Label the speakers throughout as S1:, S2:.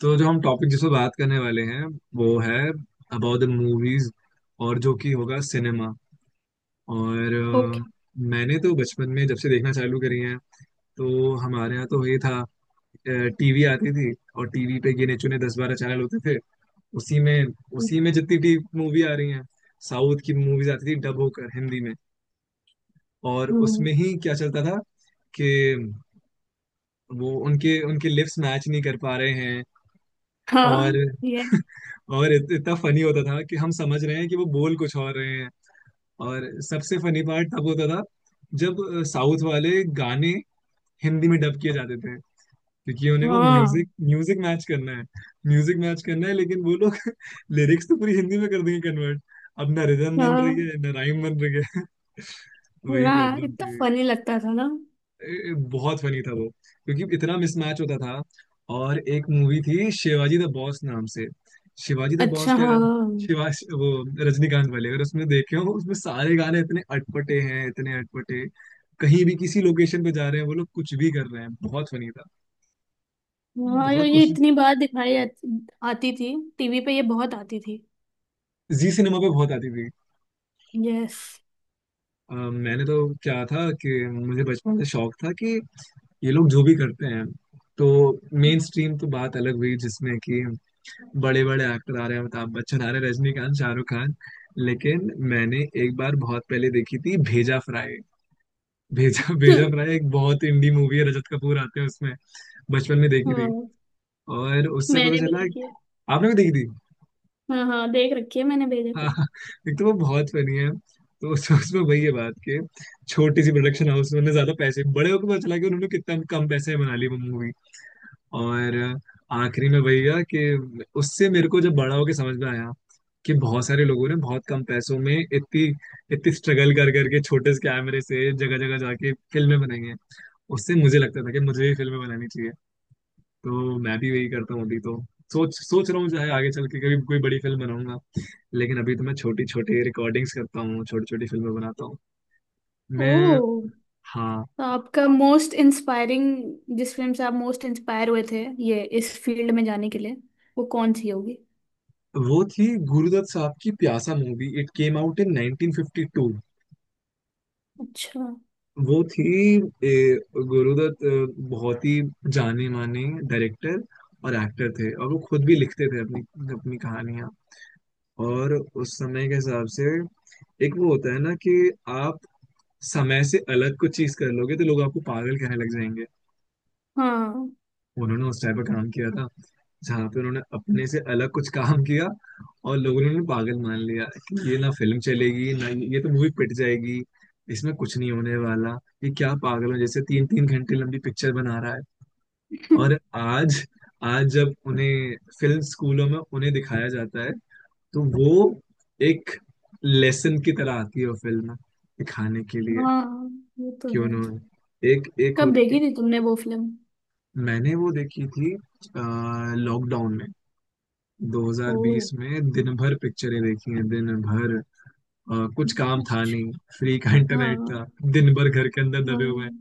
S1: तो जो हम टॉपिक जिस पर बात करने वाले हैं वो है अबाउट द मूवीज। और जो कि होगा सिनेमा। और
S2: ओके।
S1: मैंने तो बचपन में जब से देखना चालू करी है, तो हमारे यहाँ तो ये था। टीवी आती थी और टीवी पे गिने चुने 10-12 चैनल होते थे। उसी में उसी में जितनी भी मूवी आ रही हैं, साउथ की मूवीज आती थी डब होकर हिंदी में। और
S2: हम्म।
S1: उसमें ही क्या चलता था कि वो उनके उनके लिप्स मैच नहीं कर पा रहे हैं। और
S2: हाँ। ये
S1: और इतना फनी होता था कि हम समझ रहे हैं कि वो बोल कुछ और रहे हैं। और सबसे फनी पार्ट तब होता था जब साउथ वाले गाने हिंदी में डब किए जाते थे, क्योंकि उन्हें वो म्यूजिक
S2: हाँ
S1: म्यूजिक मैच करना है। म्यूजिक मैच करना है, लेकिन वो लोग लिरिक्स तो पूरी हिंदी में कर देंगे कन्वर्ट। अब ना रिदम बन रही
S2: हाँ।
S1: है ना राइम बन रही है। वही
S2: वाह
S1: प्रॉब्लम
S2: इतना
S1: थी।
S2: फनी लगता था ना।
S1: बहुत फनी था वो, क्योंकि इतना मिसमैच होता था। और एक मूवी थी शिवाजी द बॉस नाम से। शिवाजी द बॉस
S2: अच्छा
S1: क्या
S2: हाँ।
S1: अगर शिवा वो रजनीकांत वाले अगर उसमें देखे हो, उसमें सारे गाने इतने अटपटे हैं, इतने अटपटे। कहीं भी किसी लोकेशन पे जा रहे हैं वो लोग, कुछ भी कर रहे हैं, बहुत फनी था।
S2: हाँ ये
S1: बहुत कोशिश।
S2: इतनी बार दिखाई आती आती थी। टीवी पे ये बहुत आती थी।
S1: जी, सिनेमा पे बहुत आती थी।
S2: यस।
S1: मैंने तो क्या था कि मुझे बचपन से शौक था कि ये लोग जो भी करते हैं, तो मेन स्ट्रीम तो बात अलग हुई जिसमें कि बड़े बड़े एक्टर आ रहे हैं, अमिताभ बच्चन आ रहे हैं, रजनीकांत, शाहरुख खान। लेकिन मैंने एक बार बहुत पहले देखी थी भेजा फ्राई। भेजा भेजा फ्राई एक बहुत इंडी मूवी है, रजत कपूर आते हैं उसमें। बचपन में देखी थी
S2: हाँ
S1: और उससे
S2: मैंने
S1: पता
S2: भी
S1: चला।
S2: देखी है।
S1: आपने भी देखी थी।
S2: हाँ हाँ देख रखी है मैंने भी देखा
S1: हाँ
S2: है।
S1: हाँ, एक तो वो बहुत फनी है। तो उसमें वही है बात कि छोटी सी प्रोडक्शन हाउस में उन्होंने ज्यादा पैसे, बड़े होकर पता चला कि उन्होंने कितना कम पैसे में बना ली वो मूवी। और आखिरी में वही हुआ कि उससे मेरे को जब बड़ा होके समझ में आया कि बहुत सारे लोगों ने बहुत कम पैसों में इतनी इतनी स्ट्रगल कर करके छोटे से कैमरे से जगह जगह जाके फिल्में बनाई हैं। उससे मुझे लगता था कि मुझे भी फिल्में बनानी चाहिए। तो मैं भी वही करता हूँ, अभी तो सोच सोच रहा हूँ, चाहे आगे चल के कभी कोई बड़ी फिल्म बनाऊंगा, लेकिन अभी तो मैं छोटी छोटी रिकॉर्डिंग्स करता हूँ, छोटी छोटी फिल्में बनाता हूँ मैं।
S2: ओ।
S1: हाँ।
S2: तो आपका मोस्ट इंस्पायरिंग, जिस फिल्म से आप मोस्ट इंस्पायर हुए थे ये इस फील्ड में जाने के लिए, वो कौन सी होगी।
S1: वो थी गुरुदत्त साहब की Pyaasa movie, it came out in 1952।
S2: अच्छा।
S1: वो थी, ए, गुरुदत्त बहुत ही जाने माने डायरेक्टर और एक्टर थे, और वो खुद भी लिखते थे अपनी अपनी कहानियां। और उस समय के हिसाब से, एक वो होता है ना कि आप समय से अलग कुछ चीज कर लोगे तो लोग आपको पागल कहने लग जाएंगे।
S2: हाँ।
S1: उन्होंने उस टाइप का काम किया था, जहाँ पे उन्होंने अपने से अलग कुछ काम किया, और लोगों ने उन्हें पागल मान लिया कि ये ना फिल्म चलेगी, ना ये तो मूवी पिट जाएगी, इसमें कुछ नहीं होने वाला। ये क्या पागलों जैसे तीन तीन घंटे लंबी पिक्चर बना रहा है। और आज आज जब उन्हें फिल्म स्कूलों में उन्हें दिखाया जाता है, तो वो एक लेसन की तरह आती है, वो फिल्म दिखाने के लिए
S2: हाँ ये तो
S1: कि
S2: है।
S1: उन्होंने एक एक
S2: कब
S1: होती।
S2: देखी थी तुमने वो फिल्म।
S1: मैंने वो देखी थी लॉकडाउन में,
S2: ओ।
S1: 2020 में। दिन भर पिक्चरें देखी हैं दिन भर। कुछ काम था
S2: अच्छा।
S1: नहीं, फ्री का इंटरनेट
S2: हाँ।
S1: था, दिन भर घर के अंदर
S2: हाँ
S1: दबे हुए हैं।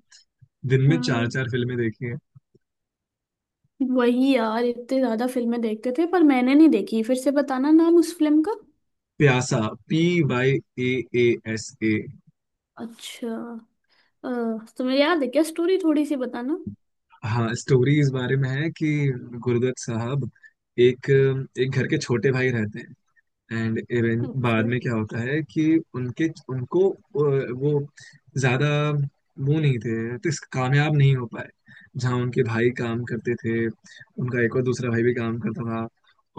S1: दिन में चार
S2: हाँ
S1: चार फिल्में देखी हैं।
S2: वही यार इतने ज्यादा फिल्में देखते थे पर मैंने नहीं देखी, फिर से बताना नाम उस फिल्म का।
S1: Pyaasa. P Y A A S A.
S2: अच्छा। अ, तुम्हें याद है क्या, स्टोरी थोड़ी सी बताना।
S1: हाँ, स्टोरी इस बारे में है कि गुरुदत्त साहब एक एक घर के छोटे भाई रहते हैं। एंड इवन
S2: अच्छा।
S1: बाद में क्या होता है कि उनके, उनको वो ज्यादा वो नहीं थे तो इस कामयाब नहीं हो पाए। जहाँ उनके भाई काम करते थे, उनका एक और दूसरा भाई भी काम करता था।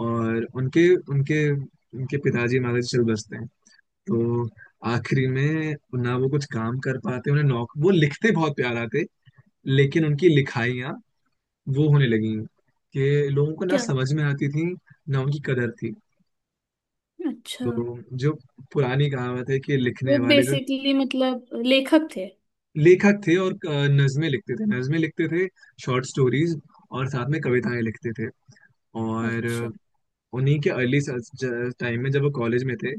S1: और उनके उनके उनके पिताजी माता जी चल बसते हैं। तो आखिरी में ना वो कुछ काम कर पाते, उन्हें नौक वो लिखते बहुत प्यार आते, लेकिन उनकी लिखाइयाँ वो होने लगी कि लोगों को ना
S2: क्या।
S1: समझ में आती थी, ना उनकी कदर थी।
S2: अच्छा,
S1: तो जो पुरानी कहावत है कि लिखने
S2: वो
S1: वाले जो
S2: बेसिकली मतलब लेखक थे।
S1: लेखक थे, और नज्में लिखते थे, शॉर्ट स्टोरीज और साथ में कविताएं लिखते थे। और
S2: अच्छा।
S1: उन्हीं के अर्ली टाइम में जब वो कॉलेज में थे,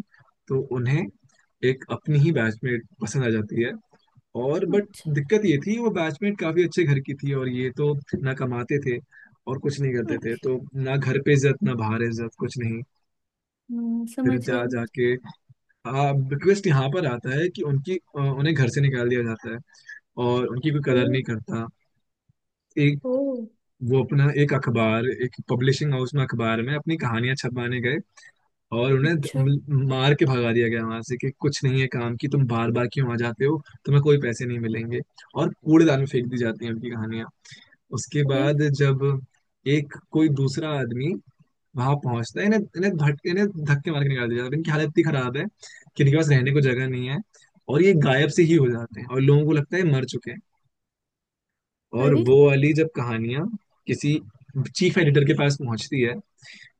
S1: तो उन्हें एक अपनी ही बैचमेट पसंद आ जाती है। और बट
S2: अच्छा।
S1: दिक्कत ये थी वो बैचमेट काफी अच्छे घर की थी और ये तो ना कमाते थे और कुछ नहीं करते थे।
S2: अच्छा।
S1: तो ना घर पे इज्जत, ना बाहर इज्जत, कुछ नहीं। फिर
S2: समझ गए।
S1: जा जाके रिक्वेस्ट यहाँ पर आता है कि उनकी उन्हें घर से निकाल दिया जाता है और उनकी कोई
S2: ओ।
S1: कदर नहीं करता। एक
S2: ओ।
S1: वो अपना एक अखबार, एक पब्लिशिंग हाउस में अखबार में अपनी कहानियां छपवाने गए, और उन्हें
S2: अच्छा।
S1: मार के भगा दिया गया वहां से कि कुछ नहीं है काम की, तुम बार बार क्यों आ जाते हो, तुम्हें कोई पैसे नहीं मिलेंगे। और कूड़ेदान में फेंक दी जाती हैं उनकी कहानियां। उसके
S2: अरे।
S1: बाद जब एक कोई दूसरा आदमी वहां पहुंचते हैं, इन्हें इन्हें भट इन्हें धक्के मार के निकाल दिया जाता है। इनकी हालत इतनी खराब है कि इनके पास रहने को जगह नहीं है, और ये गायब से ही हो जाते हैं और लोगों को लगता है मर चुके हैं। और
S2: अरे।
S1: वो वाली जब कहानियां किसी चीफ एडिटर के पास पहुंचती है,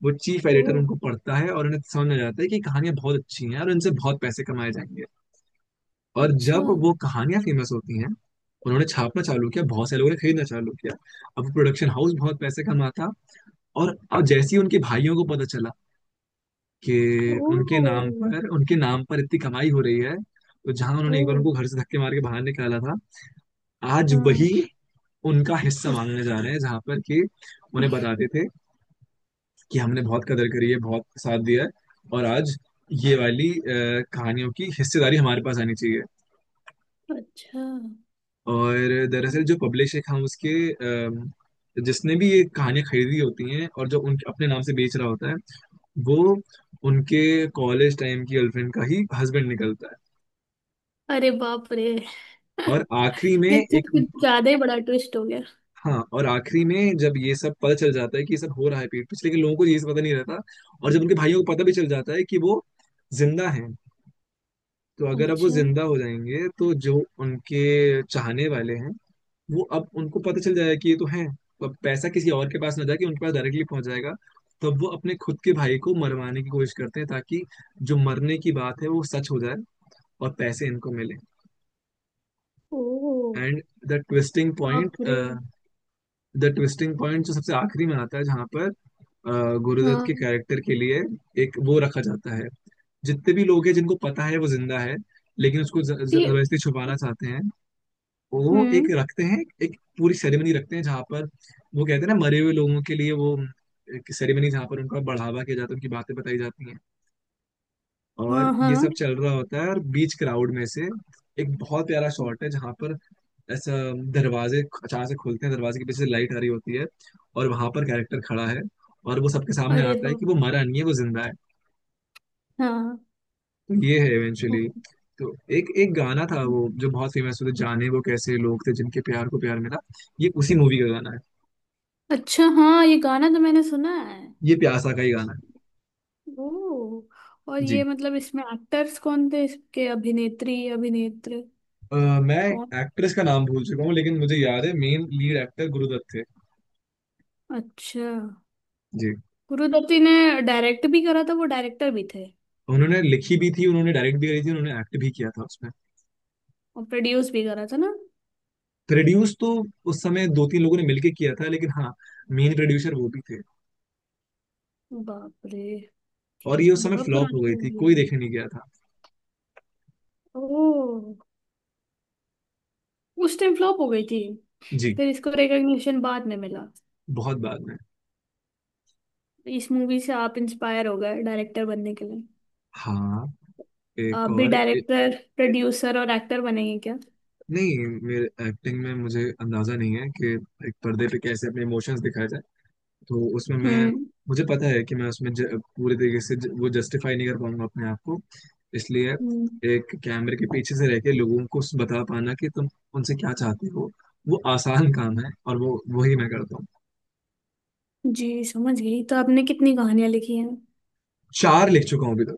S1: वो चीफ
S2: ओ।
S1: एडिटर उनको पढ़ता है और उन्हें समझ में आ जाता है कि कहानियां बहुत अच्छी हैं और इनसे बहुत पैसे कमाए जाएंगे। और
S2: अच्छा।
S1: जब वो कहानियां फेमस होती हैं, उन्होंने छापना चालू किया, बहुत से लोगों ने खरीदना चालू किया, अब प्रोडक्शन हाउस बहुत पैसे कमाता। और अब जैसे ही उनके भाइयों को पता चला कि
S2: ओ।
S1: उनके नाम पर इतनी कमाई हो रही है, तो जहां
S2: ओ।
S1: उन्होंने एक बार उनको घर से धक्के मार के बाहर निकाला था, आज वही
S2: हाँ।
S1: उनका हिस्सा
S2: उस।
S1: मांगने जा रहे हैं। जहां पर कि उन्हें बताते थे कि हमने बहुत कदर करी है, बहुत साथ दिया है, और आज ये वाली कहानियों की हिस्सेदारी हमारे पास आनी चाहिए।
S2: अच्छा।
S1: और दरअसल जो पब्लिशर हाउस के जिसने भी ये कहानियां खरीदी होती हैं और जो उनके अपने नाम से बेच रहा होता है, वो उनके कॉलेज टाइम की गर्लफ्रेंड का ही हस्बैंड निकलता है।
S2: अरे बाप रे।
S1: और आखिरी
S2: ये
S1: में
S2: तो
S1: एक
S2: कुछ ज्यादा ही बड़ा ट्विस्ट हो गया।
S1: हाँ, और आखिरी में जब ये सब पता चल जाता है कि ये सब हो रहा है पीठ पीछे, लेकिन लोगों को ये सब पता नहीं रहता। और जब उनके भाइयों को पता भी चल जाता है कि वो जिंदा हैं, तो अगर अब वो
S2: अच्छा।
S1: जिंदा हो जाएंगे तो जो उनके चाहने वाले हैं, वो अब उनको पता चल जाएगा कि ये तो हैं, तो अब पैसा किसी और के पास ना जाके उनके पास डायरेक्टली पहुंच जाएगा। तब वो अपने खुद के भाई को मरवाने की कोशिश करते हैं ताकि जो मरने की बात है वो सच हो जाए और पैसे इनको मिले।
S2: ओ।
S1: एंड द ट्विस्टिंग पॉइंट
S2: बाप रे।
S1: द ट्विस्टिंग पॉइंट जो सबसे आखिरी में आता है, जहाँ पर अ, गुरुदत्त के
S2: हाँ।
S1: कैरेक्टर के लिए एक वो रखा जाता है। जितने भी लोग हैं जिनको पता है वो जिंदा है, लेकिन उसको
S2: ते।
S1: जबरदस्ती छुपाना चाहते हैं, वो
S2: हम्म।
S1: एक रखते हैं, एक पूरी सेरेमनी रखते हैं जहाँ पर वो कहते हैं ना मरे हुए लोगों के लिए वो एक सेरेमनी, जहाँ पर उनका बढ़ावा किया जाता है, उनकी बातें बताई जाती हैं। और
S2: हाँ हाँ।
S1: ये सब चल रहा होता है, और बीच क्राउड में से एक बहुत प्यारा शॉट है जहाँ पर ऐसा दरवाजे अचानक से खुलते हैं, दरवाजे के पीछे लाइट आ रही होती है, और वहां पर कैरेक्टर खड़ा है, और वो सबके सामने
S2: अरे
S1: आता है कि
S2: बाप।
S1: वो मरा नहीं है, वो जिंदा है।
S2: हाँ।
S1: तो ये है इवेंचुअली।
S2: रे।
S1: तो एक एक गाना था वो जो बहुत फेमस हुआ था, जाने वो कैसे लोग थे जिनके प्यार को प्यार मिला, ये उसी मूवी का गाना है।
S2: अच्छा हाँ ये गाना तो मैंने सुना है।
S1: ये प्यासा का ही गाना है।
S2: ओ। और ये
S1: जी,
S2: मतलब इसमें एक्टर्स कौन थे, इसके अभिनेत्री अभिनेत्र
S1: मैं
S2: कौन।
S1: एक्ट्रेस का नाम भूल चुका हूँ, लेकिन मुझे याद है मेन लीड एक्टर गुरुदत्त थे।
S2: अच्छा।
S1: जी,
S2: गुरु दत्ती ने डायरेक्ट भी करा था, वो डायरेक्टर भी थे।
S1: उन्होंने लिखी भी थी, उन्होंने डायरेक्ट भी करी थी, उन्होंने एक्ट भी किया था उसमें।
S2: और प्रोड्यूस भी करा था ना।
S1: प्रोड्यूस तो उस समय दो तीन लोगों ने मिलके किया था, लेकिन हाँ मेन प्रोड्यूसर वो भी थे।
S2: बाप रे।
S1: और ये उस समय
S2: बहुत
S1: फ्लॉप हो
S2: पुरानी
S1: गई थी,
S2: मूवी है।
S1: कोई देखने नहीं गया था।
S2: ओ। उस टाइम फ्लॉप हो गई थी।
S1: जी।
S2: फिर इसको रिकग्निशन बाद में मिला।
S1: बहुत बाद में।
S2: इस मूवी से आप इंस्पायर हो गए डायरेक्टर बनने के लिए।
S1: हाँ। एक
S2: आप भी
S1: और एक,
S2: डायरेक्टर प्रोड्यूसर और एक्टर बनेंगे क्या।
S1: नहीं, मेरे एक्टिंग में मुझे अंदाजा नहीं है कि एक पर्दे पे कैसे अपने इमोशंस दिखाया जाए। तो उसमें मैं,
S2: हम्म।
S1: मुझे पता है कि मैं उसमें पूरे तरीके से वो जस्टिफाई नहीं कर पाऊंगा अपने आप को। इसलिए
S2: हम्म।
S1: एक कैमरे के पीछे से रह के लोगों को बता पाना कि तुम उनसे क्या चाहते हो, वो आसान काम है और वो वही मैं करता हूँ।
S2: जी समझ गई, तो आपने कितनी कहानियां लिखी हैं।
S1: चार लिख चुका हूँ अभी तक।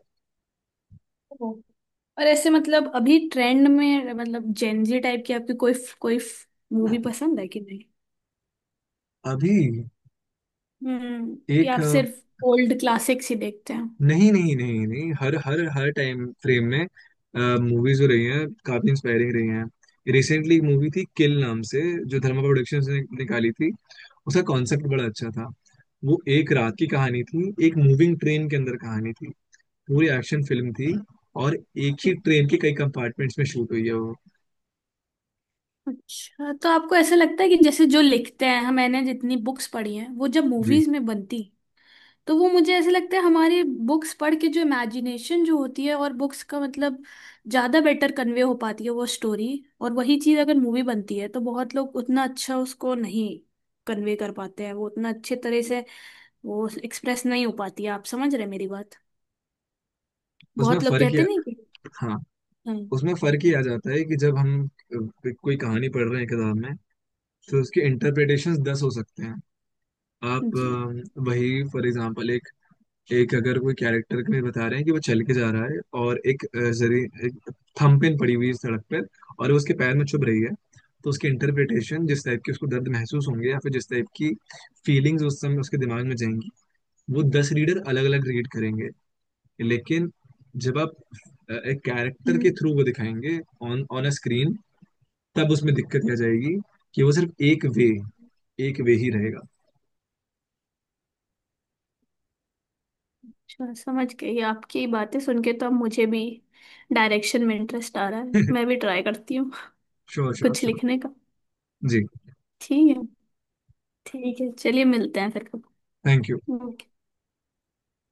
S2: ओ। और ऐसे मतलब अभी ट्रेंड में मतलब जेनजी टाइप की आपकी कोई कोई मूवी पसंद है कि नहीं।
S1: अभी
S2: हम्म, कि
S1: एक
S2: आप सिर्फ ओल्ड क्लासिक्स ही देखते हैं।
S1: नहीं नहीं नहीं नहीं, हर हर हर टाइम फ्रेम में मूवीज हो रही हैं, काफी इंस्पायरिंग रही हैं। रिसेंटली एक मूवी थी किल नाम से, जो धर्मा प्रोडक्शंस ने निकाली थी, उसका कॉन्सेप्ट बड़ा अच्छा था। वो एक रात की कहानी थी, एक मूविंग ट्रेन के अंदर कहानी थी, पूरी एक्शन फिल्म थी, और एक ही ट्रेन के कई कंपार्टमेंट्स में शूट हुई है वो।
S2: अच्छा, तो आपको ऐसा लगता है कि जैसे जो लिखते हैं, हम- मैंने जितनी बुक्स पढ़ी हैं, वो जब
S1: जी।
S2: मूवीज में बनती, तो वो मुझे ऐसा लगता है हमारी बुक्स पढ़ के जो इमेजिनेशन जो होती है और बुक्स का मतलब ज़्यादा बेटर कन्वे हो पाती है वो स्टोरी। और वही चीज़ अगर मूवी बनती है तो बहुत लोग उतना अच्छा उसको नहीं कन्वे कर पाते हैं, वो उतना अच्छे तरह से वो एक्सप्रेस नहीं हो पाती है। आप समझ रहे हैं मेरी बात।
S1: उसमें
S2: बहुत लोग
S1: फर्क ये
S2: कहते नहीं कि
S1: हाँ,
S2: हाँ।
S1: उसमें फर्क ये आ जाता है कि जब हम कोई कहानी पढ़ रहे हैं किताब में, तो उसके इंटरप्रिटेशंस 10 हो सकते हैं। आप
S2: जी।
S1: वही फॉर एग्जांपल, एक एक अगर कोई कैरेक्टर में बता रहे हैं कि वो चल के जा रहा है, और एक जरी एक थंबप्रिंट पड़ी हुई है सड़क पर, और वो उसके पैर में चुभ रही है, तो उसकी इंटरप्रिटेशन जिस टाइप की उसको दर्द महसूस होंगे, या फिर जिस टाइप की फीलिंग्स उस समय उसके दिमाग में जाएंगी, वो 10 रीडर अलग अलग रीड करेंगे। लेकिन जब आप एक कैरेक्टर के
S2: हम्म।
S1: थ्रू वो दिखाएंगे ऑन ऑन अ स्क्रीन, तब उसमें दिक्कत आ जाएगी कि वो सिर्फ एक वे ही रहेगा।
S2: अच्छा, समझ गई आपकी बातें सुन के तो अब मुझे भी डायरेक्शन में इंटरेस्ट आ रहा है, मैं भी ट्राई करती हूँ।
S1: श्योर श्योर
S2: कुछ
S1: श्योर।
S2: लिखने का।
S1: जी।
S2: ठीक है। ठीक है, चलिए मिलते हैं फिर कब।
S1: Thank you.
S2: ओके।